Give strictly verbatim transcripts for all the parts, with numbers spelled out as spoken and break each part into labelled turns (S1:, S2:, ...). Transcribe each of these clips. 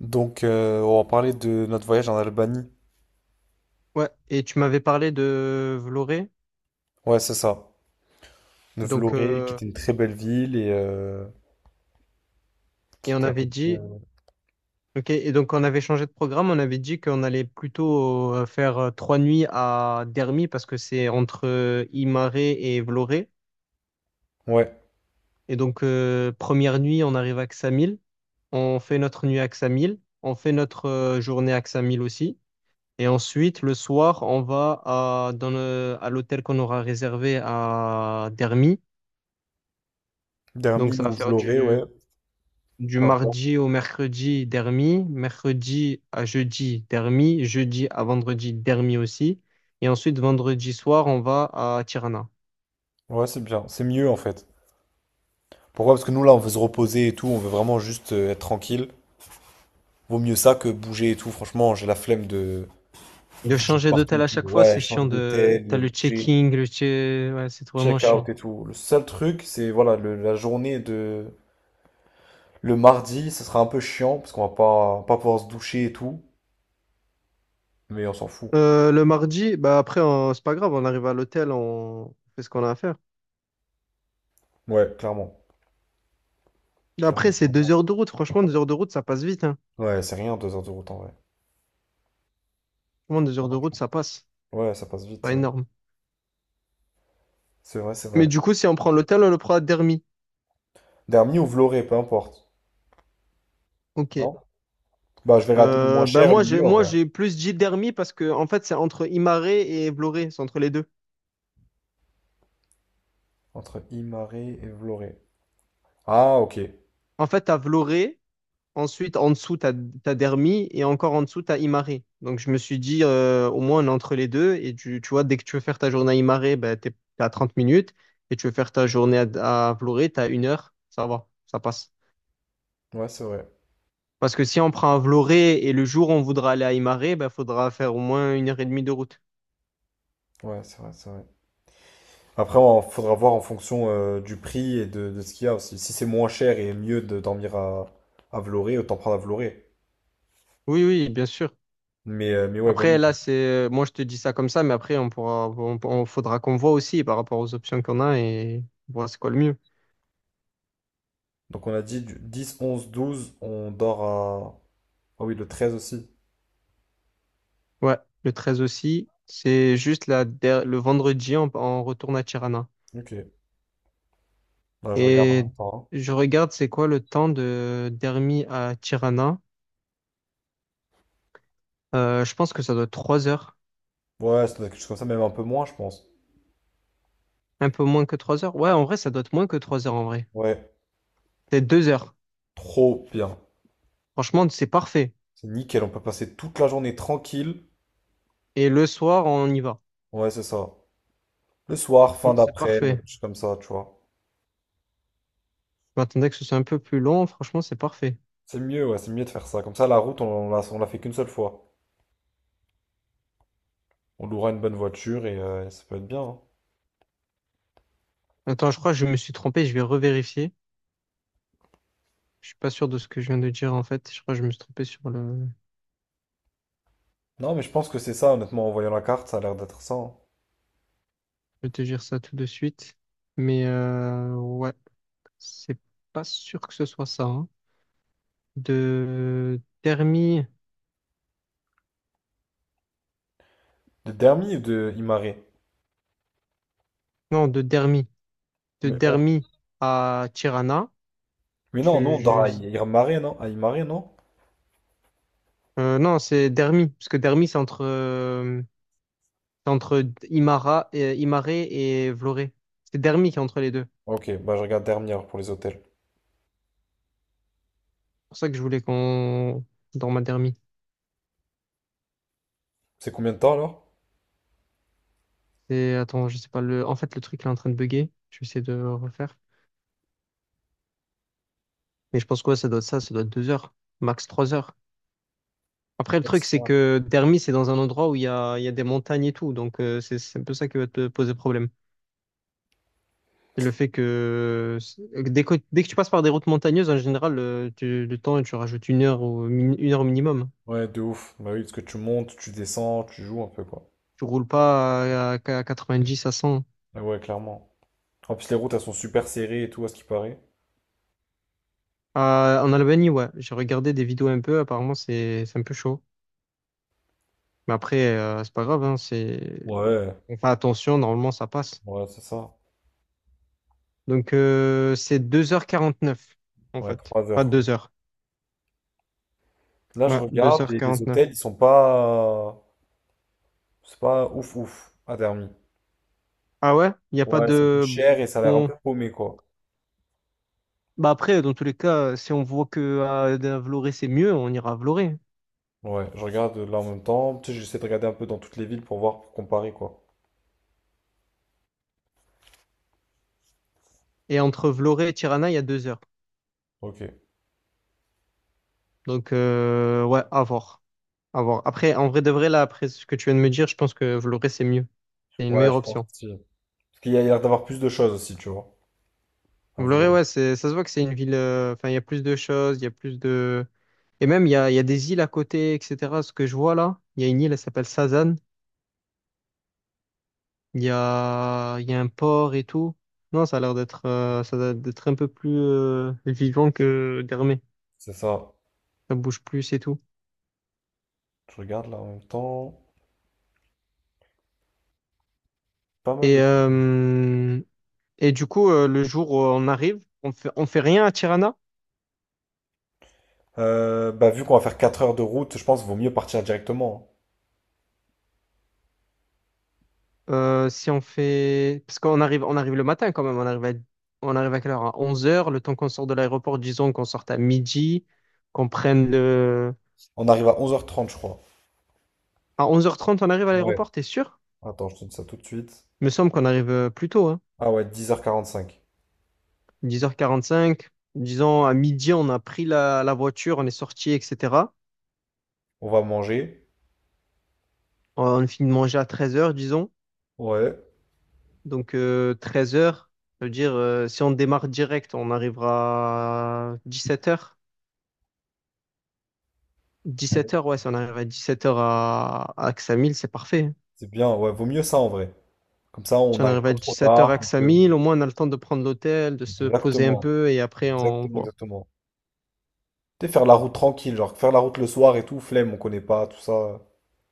S1: Donc, euh, on va parler de notre voyage en Albanie.
S2: Ouais, et tu m'avais parlé de Vloré,
S1: Ouais, c'est ça. De
S2: donc
S1: Vlorë, qui
S2: euh,
S1: était une très belle ville et euh, qui
S2: et on
S1: était à
S2: avait
S1: côté
S2: dit,
S1: de...
S2: ok. Et donc on avait changé de programme, on avait dit qu'on allait plutôt euh, faire euh, trois nuits à Dermi parce que c'est entre euh, Imare et Vloré,
S1: Ouais,
S2: et donc euh, première nuit on arrive à Ksamil, on fait notre nuit à Ksamil, on fait notre euh, journée à Ksamil aussi, et ensuite le soir on va à, dans le- à l'hôtel qu'on aura réservé à Dermi. Donc
S1: Dermi
S2: ça va
S1: ou
S2: faire
S1: Vlorë, ouais,
S2: du du
S1: peu importe.
S2: mardi au mercredi, Dermi, mercredi à jeudi, Dermi, jeudi à vendredi, Dermi aussi. Et ensuite, vendredi soir, on va à Tirana.
S1: Ouais, c'est bien. C'est mieux, en fait. Pourquoi? Parce que nous, là, on veut se reposer et tout. On veut vraiment juste euh, être tranquille. Vaut mieux ça que bouger et tout. Franchement, j'ai la flemme de de
S2: De
S1: bouger de
S2: changer
S1: partout
S2: d'hôtel
S1: et
S2: à
S1: tout.
S2: chaque fois,
S1: Ouais,
S2: c'est
S1: changer
S2: chiant de...
S1: d'hôtel,
S2: T'as le
S1: bouger,
S2: checking, le che... ouais, c'est vraiment
S1: check-out
S2: chiant.
S1: et tout. Le seul truc, c'est, voilà, le- la journée de... Le mardi, ça sera un peu chiant parce qu'on va pas, pas pouvoir se doucher et tout. Mais on s'en fout.
S2: Euh, le mardi, bah après, on- c'est pas grave, on arrive à l'hôtel, on fait ce qu'on a à faire.
S1: Ouais, clairement.
S2: Après, c'est deux
S1: Clairement.
S2: heures de route. Franchement, deux heures de route, ça passe vite, hein.
S1: Ouais, c'est rien, deux heures de route en vrai.
S2: Franchement, deux heures de route, ça passe.
S1: Ouais, ça passe vite,
S2: Pas
S1: ça.
S2: énorme.
S1: C'est vrai, c'est
S2: Mais
S1: vrai.
S2: du coup, si on prend l'hôtel, on le prend à Dermi.
S1: Dermi ou Vloré, peu importe.
S2: Ok.
S1: Non? Bah, je vais rater le moins
S2: Euh, bah
S1: cher, le
S2: moi j'ai
S1: mieux en
S2: moi
S1: vrai.
S2: j'ai plus dit Dermi parce que en fait c'est entre Imaré et Vloré, c'est entre les deux.
S1: Entre Imare et Vloré. Ah, ok.
S2: En fait t'as Vloré, ensuite en dessous t'as t'as Dermi et encore en dessous t'as Imaré. Donc je me suis dit euh, au moins on est entre les deux et tu, tu vois dès que tu veux faire ta journée à Imare, bah t'es t'es à trente minutes, et tu veux faire ta journée à, à Vloré, t'as une heure, ça va, ça passe.
S1: Ouais, c'est vrai.
S2: Parce que si on prend un Vloré et le jour où on voudra aller à Imare, bah faudra faire au moins une heure et demie de route.
S1: Ouais, c'est vrai, c'est vrai. Après, on faudra voir en fonction euh, du prix et de, de ce qu'il y a aussi. Si c'est moins cher et mieux de dormir à, à Vloré, autant prendre à Vloré.
S2: Oui oui bien sûr.
S1: Mais, euh, mais ouais, bonne
S2: Après,
S1: idée.
S2: là, c'est, moi, je te dis ça comme ça, mais après, on pourra, on, on- faudra qu'on voit aussi par rapport aux options qu'on a et voir c'est quoi le mieux.
S1: Donc, on a dit du dix, onze, douze, on dort à. Ah oui, le treize aussi.
S2: Ouais, le treize aussi, c'est juste la, der- le vendredi, on, on retourne à Tirana.
S1: Ok. Bah, je regarde en
S2: Et
S1: même temps.
S2: je regarde, c'est quoi le temps de d'Hermie à Tirana. Euh, je pense que ça doit être trois heures.
S1: Ouais, ça doit être quelque chose comme ça, même un peu moins, je pense.
S2: Un peu moins que trois heures. Ouais, en vrai, ça doit être moins que trois heures en vrai.
S1: Ouais,
S2: C'est deux heures.
S1: trop bien.
S2: Franchement, c'est parfait.
S1: C'est nickel, on peut passer toute la journée tranquille.
S2: Et le soir, on y va.
S1: Ouais, c'est ça. Le soir, fin
S2: Non, c'est
S1: d'après-midi,
S2: parfait.
S1: quelque chose comme ça, tu vois.
S2: Je m'attendais que ce soit un peu plus long. Franchement, c'est parfait.
S1: C'est mieux, ouais, c'est mieux de faire ça. Comme ça, la route, on, on la, on la fait qu'une seule fois. On louera une bonne voiture et euh, ça peut être bien, hein.
S2: Attends, je crois que je me suis trompé, je vais revérifier. Je suis pas sûr de ce que je viens de dire en fait. Je crois que je me suis trompé sur le.
S1: Non, mais je pense que c'est ça, honnêtement, en voyant la carte, ça a l'air d'être ça, hein.
S2: Je vais te dire ça tout de suite. Mais euh, ouais, c'est pas sûr que ce soit ça, hein. De Dermi,
S1: De Dermi ou de Imare?
S2: non, de Dermi, de
S1: Mais, on-
S2: Dermi à Tirana.
S1: mais non,
S2: Je,
S1: non, on dort
S2: je-
S1: à Imare, non? À Imare, non?
S2: euh, non, c'est Dermi, parce que Dermi c'est entre euh, c'est entre Imara, et Imaré et Vloré. C'est Dermi qui est entre les deux. C'est
S1: Ok, bah je regarde Dermi alors pour les hôtels.
S2: pour ça que je voulais qu'on dans ma Dermi.
S1: C'est combien de temps alors?
S2: C'est, attends, je sais pas, le... en fait, le truc, il est en train de bugger. Je vais essayer de le refaire. Mais je pense quoi, ça doit être ça, ça doit être deux heures, max trois heures. Après, le truc, c'est que Dermi, c'est dans un endroit où il y a, il y a des montagnes et tout. Donc, euh, c'est c'est un peu ça qui va te poser problème. C'est le fait que c'est- dès que, dès que tu passes par des routes montagneuses, en général, euh, tu- le temps, tu rajoutes une heure ou min- une heure minimum.
S1: Ouais, de ouf. Bah oui, parce que tu montes, tu descends, tu joues un peu, quoi.
S2: Tu roules pas à, à dix à cent.
S1: Mais ouais, clairement. En plus, les routes, elles sont super serrées et tout, à ce qui paraît.
S2: À- en Albanie, ouais, j'ai regardé des vidéos un peu. Apparemment, c'est c'est un peu chaud. Mais après, euh, c'est pas grave, hein, c'est.
S1: Ouais,
S2: On fait attention, normalement ça passe.
S1: ouais, c'est ça.
S2: Donc euh, c'est deux heures quarante-neuf en
S1: Ouais,
S2: fait.
S1: trois
S2: Pas
S1: heures, quoi.
S2: deux heures.
S1: Là, je
S2: Ouais, deux
S1: regarde,
S2: heures
S1: et les hôtels,
S2: quarante-neuf.
S1: ils sont pas... C'est pas ouf, ouf, à Dermy.
S2: Ah ouais? Il n'y a pas
S1: Ouais, c'est un peu
S2: de...
S1: cher et ça a l'air un
S2: Bon...
S1: peu paumé, quoi.
S2: Bah après, dans tous les cas, si on voit que à, à Vloré c'est mieux, on ira à Vloré.
S1: Ouais, je regarde là en même temps. Tu sais, j'essaie de regarder un peu dans toutes les villes pour voir, pour comparer, quoi.
S2: Et entre Vloré et Tirana, il y a deux heures.
S1: Ok.
S2: Donc euh, ouais, à voir. À voir. Après, en vrai de vrai, là, après ce que tu viens de me dire, je pense que Vloré c'est mieux. C'est une
S1: Ouais,
S2: meilleure
S1: je pense
S2: option.
S1: aussi. Parce qu'il y a l'air d'avoir plus de choses aussi, tu vois, à
S2: Vloré,
S1: Vlorë.
S2: ouais, c'est, ça se voit que c'est une ville... euh, enfin, il y a plus de choses, il y a plus de... Et même, il y a, il y a des îles à côté, et cetera. Ce que je vois là, il y a une île, elle s'appelle Sazan. Il y a, il y a un port et tout. Non, ça a l'air d'être euh, ça a l'air d'être un peu plus euh, vivant que Dermé.
S1: C'est ça.
S2: Ça bouge plus et tout.
S1: Je regarde là en même temps. Pas mal de...
S2: Et, euh, et du coup, euh, le jour où on arrive, on fait, on fait rien à Tirana.
S1: Euh, bah, vu qu'on va faire quatre heures de route, je pense qu'il vaut mieux partir directement, hein.
S2: Euh, si on fait... Parce qu'on arrive, on arrive le matin quand même. On arrive à, on arrive à quelle heure? À onze heures. Le temps qu'on sort de l'aéroport, disons qu'on sorte à midi, qu'on prenne le...
S1: On arrive à onze heures trente, je crois.
S2: À onze heures trente, on arrive à
S1: Ouais.
S2: l'aéroport, t'es sûr?
S1: Attends, je te dis ça tout de suite.
S2: Il me semble qu'on arrive euh, plus tôt, hein.
S1: Ah ouais, dix heures quarante-cinq.
S2: dix heures quarante-cinq. Disons, à midi, on a pris la, la voiture, on est sorti, et cetera.
S1: On va manger.
S2: On a fini de manger à treize heures, disons.
S1: Ouais,
S2: Donc, treize heures, ça veut dire, euh, si on démarre direct, on arrivera à dix-sept heures.
S1: Très-
S2: dix-sept heures, ouais, si on arrive à dix-sept heures à, à Axamil, c'est parfait, hein.
S1: c'est bien. Ouais, vaut mieux ça en vrai. Comme ça, on
S2: Si on
S1: n'arrive
S2: arrive
S1: pas
S2: à
S1: trop
S2: dix-sept heures à
S1: tard. on peut-
S2: Axamil, au moins, on a le temps de prendre l'hôtel, de se poser un
S1: Exactement.
S2: peu, et après, on
S1: Exactement,
S2: voit.
S1: exactement. Tu sais, faire la route tranquille, genre faire la route le soir et tout, flemme, on connaît pas, tout ça.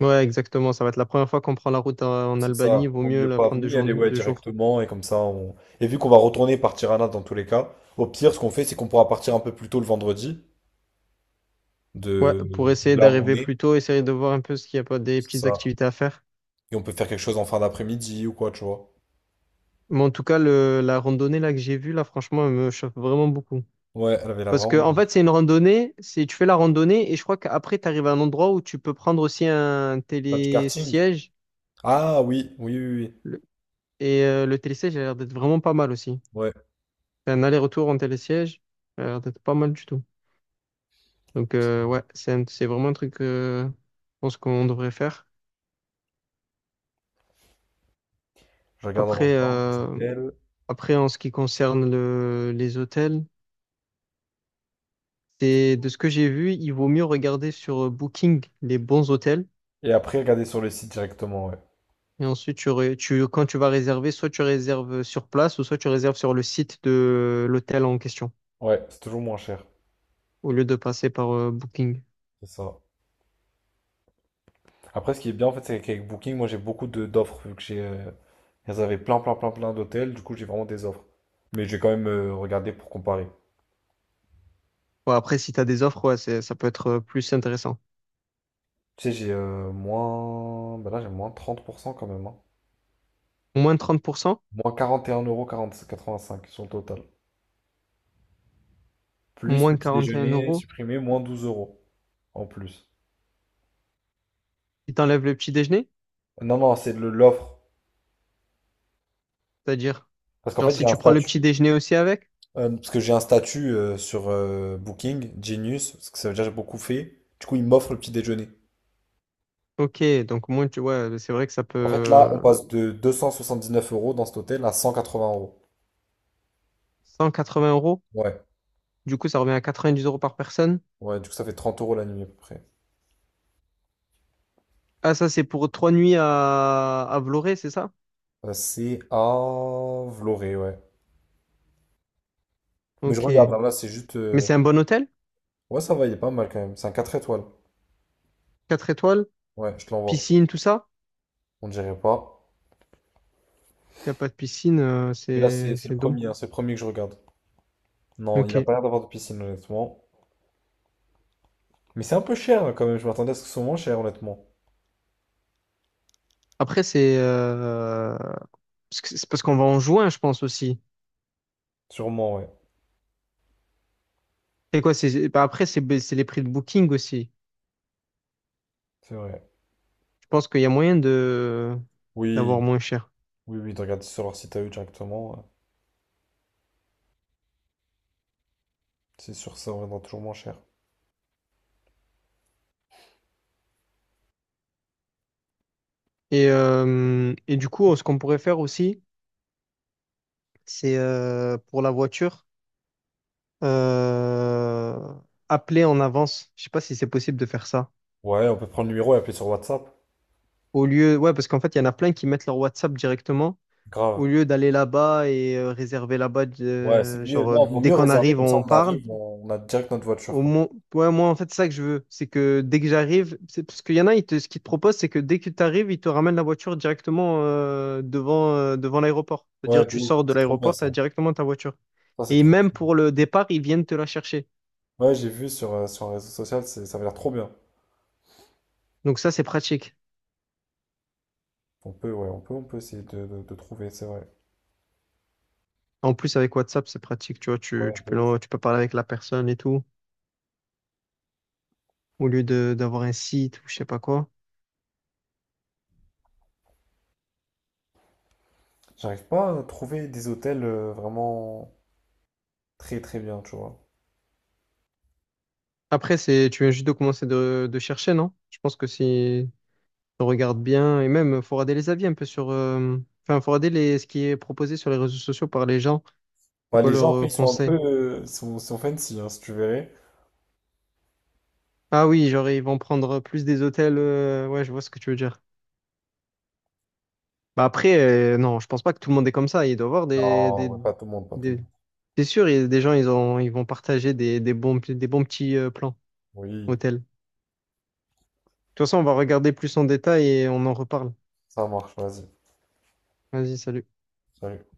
S2: Ouais, exactement. Ça va être la première fois qu'on prend la route en en
S1: C'est
S2: Albanie.
S1: ça,
S2: Vaut
S1: vaut
S2: mieux
S1: mieux
S2: la
S1: pas. Vaut
S2: prendre
S1: mieux
S2: deux
S1: y
S2: jours,
S1: aller ouais,
S2: deux jours.
S1: directement et comme ça, on... Et vu qu'on va retourner par Tirana dans tous les cas, au pire, ce qu'on fait, c'est qu'on pourra partir un peu plus tôt le vendredi,
S2: Ouais,
S1: de
S2: pour
S1: de
S2: essayer
S1: là où on
S2: d'arriver
S1: est,
S2: plus tôt, essayer de voir un peu ce qu'il y a pas des
S1: c'est
S2: petites
S1: ça.
S2: activités à faire.
S1: Et on peut faire quelque chose en fin d'après-midi ou quoi, tu vois.
S2: Mais en tout cas, le, la randonnée là que j'ai vue, là, franchement, elle me chauffe vraiment beaucoup.
S1: Ouais, elle avait la
S2: Parce que,
S1: vraiment
S2: en
S1: bien.
S2: fait, c'est une randonnée, c'est, tu fais la randonnée et je crois qu'après, tu arrives à un endroit où tu peux prendre aussi un
S1: Pas du karting.
S2: télésiège.
S1: Ah oui, oui, oui, oui.
S2: Le- Et euh, le télésiège a l'air d'être vraiment pas mal aussi.
S1: Ouais.
S2: C'est un aller-retour en télésiège, ça a l'air d'être pas mal du tout. Donc, euh, ouais, c'est un- c'est vraiment un truc, euh, je pense qu'on devrait faire.
S1: Je regarde en
S2: Après,
S1: même temps, c'est
S2: euh,
S1: elle.
S2: après, en ce qui concerne le, les hôtels. C'est de ce que j'ai vu, il vaut mieux regarder sur euh, Booking les bons hôtels.
S1: Et après, regarder sur le site directement, ouais.
S2: Et ensuite, tu, ré- tu, quand tu vas réserver, soit tu réserves euh, sur place ou soit tu réserves sur le site de euh, l'hôtel en question,
S1: Ouais, c'est toujours moins cher.
S2: au lieu de passer par euh, Booking.
S1: C'est ça. Après, ce qui est bien, en fait, c'est qu'avec Booking, moi, j'ai beaucoup de d'offres, vu que j'ai... euh, Elles avaient plein, plein, plein, plein d'hôtels, du coup, j'ai vraiment des offres. Mais j'ai quand même euh, regardé pour comparer.
S2: Bon, après, si tu as des offres, ouais, c'est- ça peut être euh, plus intéressant.
S1: Tu sais, j'ai euh, moins... Bah là, j'ai moins trente pour cent quand même, hein.
S2: Moins trente pour cent,
S1: Moins quarante et un virgule quatre-vingt-cinq€ sur le total. Plus
S2: moins
S1: petit
S2: 41
S1: déjeuner
S2: euros.
S1: supprimé, moins douze euros en plus.
S2: Ils t'enlèvent le petit déjeuner,
S1: Non, non, c'est le- l'offre.
S2: c'est-à-dire,
S1: Parce qu'en
S2: genre
S1: fait, j'ai
S2: si
S1: un
S2: tu prends le petit
S1: statut.
S2: déjeuner aussi avec,
S1: euh, parce que j'ai un statut euh, sur euh, Booking, Genius, parce que ça veut dire que j'ai beaucoup fait. Du coup, ils m'offrent le petit déjeuner.
S2: ok, donc moins tu, ouais, c'est vrai que ça
S1: En fait, là,
S2: peut
S1: on passe de deux cent soixante-dix-neuf euros dans cet hôtel à cent quatre-vingts euros.
S2: cent quatre-vingts euros.
S1: Ouais,
S2: Du coup, ça revient à quatre-vingt-dix euros par personne.
S1: ouais, du coup, ça fait trente euros la nuit à peu près.
S2: Ah, ça, c'est pour trois nuits à, à Vloré c'est ça?
S1: Euh, c'est à Vloré, ouais. Mais je
S2: Ok.
S1: regarde, hein, là, c'est juste.
S2: Mais
S1: euh,
S2: c'est un bon hôtel?
S1: Ouais, ça va, il est pas mal quand même. C'est un quatre étoiles.
S2: Quatre étoiles?
S1: Ouais, je te l'envoie.
S2: Piscine, tout ça?
S1: On dirait pas.
S2: Il n'y a pas de piscine, euh,
S1: Mais là, c'est
S2: c'est
S1: c'est le
S2: c'est dom-
S1: premier, hein, c'est le premier que je regarde. Non, il a
S2: Ok.
S1: pas l'air d'avoir de piscine, honnêtement. Mais c'est un peu cher hein, quand même. Je m'attendais à ce que ce soit moins cher, honnêtement.
S2: Après, c'est euh, parce que- c'est parce qu'on va en juin, je pense aussi.
S1: Sûrement, ouais.
S2: C'est quoi? C'est bah, après, c'est bah, c'est les prix de Booking aussi.
S1: C'est vrai.
S2: Je pense qu'il y a moyen de d'avoir
S1: Oui,
S2: moins cher.
S1: oui, oui, de regarder sur leur site à eux directement, ouais. C'est sûr, ça reviendra toujours moins cher.
S2: Et, euh, et du coup, ce qu'on pourrait faire aussi, c'est euh, pour la voiture, euh, appeler en avance. Je sais pas si c'est possible de faire ça.
S1: Ouais, on peut prendre le numéro et appeler sur WhatsApp.
S2: Au lieu, ouais, parce qu'en fait, il y en a plein qui mettent leur WhatsApp directement.
S1: Grave.
S2: Au lieu d'aller là-bas et euh, réserver là-bas,
S1: Ouais, c'est
S2: euh,
S1: mieux.
S2: genre, euh,
S1: Non, vaut
S2: dès
S1: mieux
S2: qu'on
S1: réserver
S2: arrive,
S1: comme ça,
S2: on
S1: on
S2: parle.
S1: arrive, on on a direct notre voiture,
S2: Au
S1: quoi.
S2: moins, ouais, moi, en fait, c'est ça que je veux. C'est que dès que j'arrive, c'est parce qu'il y en a, ils te- ce qu'ils te proposent, c'est que dès que tu arrives, ils te ramènent la voiture directement euh, devant, euh, devant l'aéroport.
S1: Ouais,
S2: C'est-à-dire,
S1: de
S2: tu
S1: ouf.
S2: sors de
S1: C'est trop bien
S2: l'aéroport, tu
S1: ça.
S2: as directement ta voiture.
S1: Ça, c'est
S2: Et
S1: trop
S2: même
S1: cool.
S2: pour le départ, ils viennent te la chercher.
S1: Ouais, j'ai vu sur, euh, sur un réseau social, c'est- ça avait l'air trop bien.
S2: Donc ça, c'est pratique.
S1: On peut, ouais, on peut, on peut essayer de, de- de trouver, c'est vrai.
S2: En plus, avec WhatsApp, c'est pratique. Tu vois, tu,
S1: Ouais,
S2: tu
S1: de
S2: peux,
S1: ouf.
S2: l'en- tu peux parler avec la personne et tout. Au lieu de d'avoir un site ou je sais pas quoi.
S1: J'arrive pas à trouver des hôtels euh, vraiment très très bien, tu vois.
S2: Après, c'est, tu viens juste de commencer de, de chercher, non? Je pense que si on regarde bien, et même, faut regarder les avis un peu sur, euh, enfin, faut regarder les, ce qui est proposé sur les réseaux sociaux par les gens. C'est
S1: Bah,
S2: quoi
S1: les gens,
S2: leur
S1: après,
S2: euh,
S1: ils sont un Euh, peu
S2: conseil?
S1: euh, sont, sont fancy, hein, si tu verrais.
S2: Ah oui, genre, ils vont prendre plus des hôtels. euh, ouais, je vois ce que tu veux dire. Bah après, euh, non, je pense pas que tout le monde est comme ça. Il doit y avoir des,
S1: Non,
S2: des,
S1: bah, pas tout le monde, pas tout le
S2: des...
S1: monde.
S2: C'est sûr, il y a des gens, ils ont, ils vont partager des, des bons, des bons petits euh, plans
S1: Oui,
S2: hôtels. De toute façon, on va regarder plus en détail et on en reparle.
S1: ça marche, vas-y.
S2: Vas-y, salut.
S1: Salut.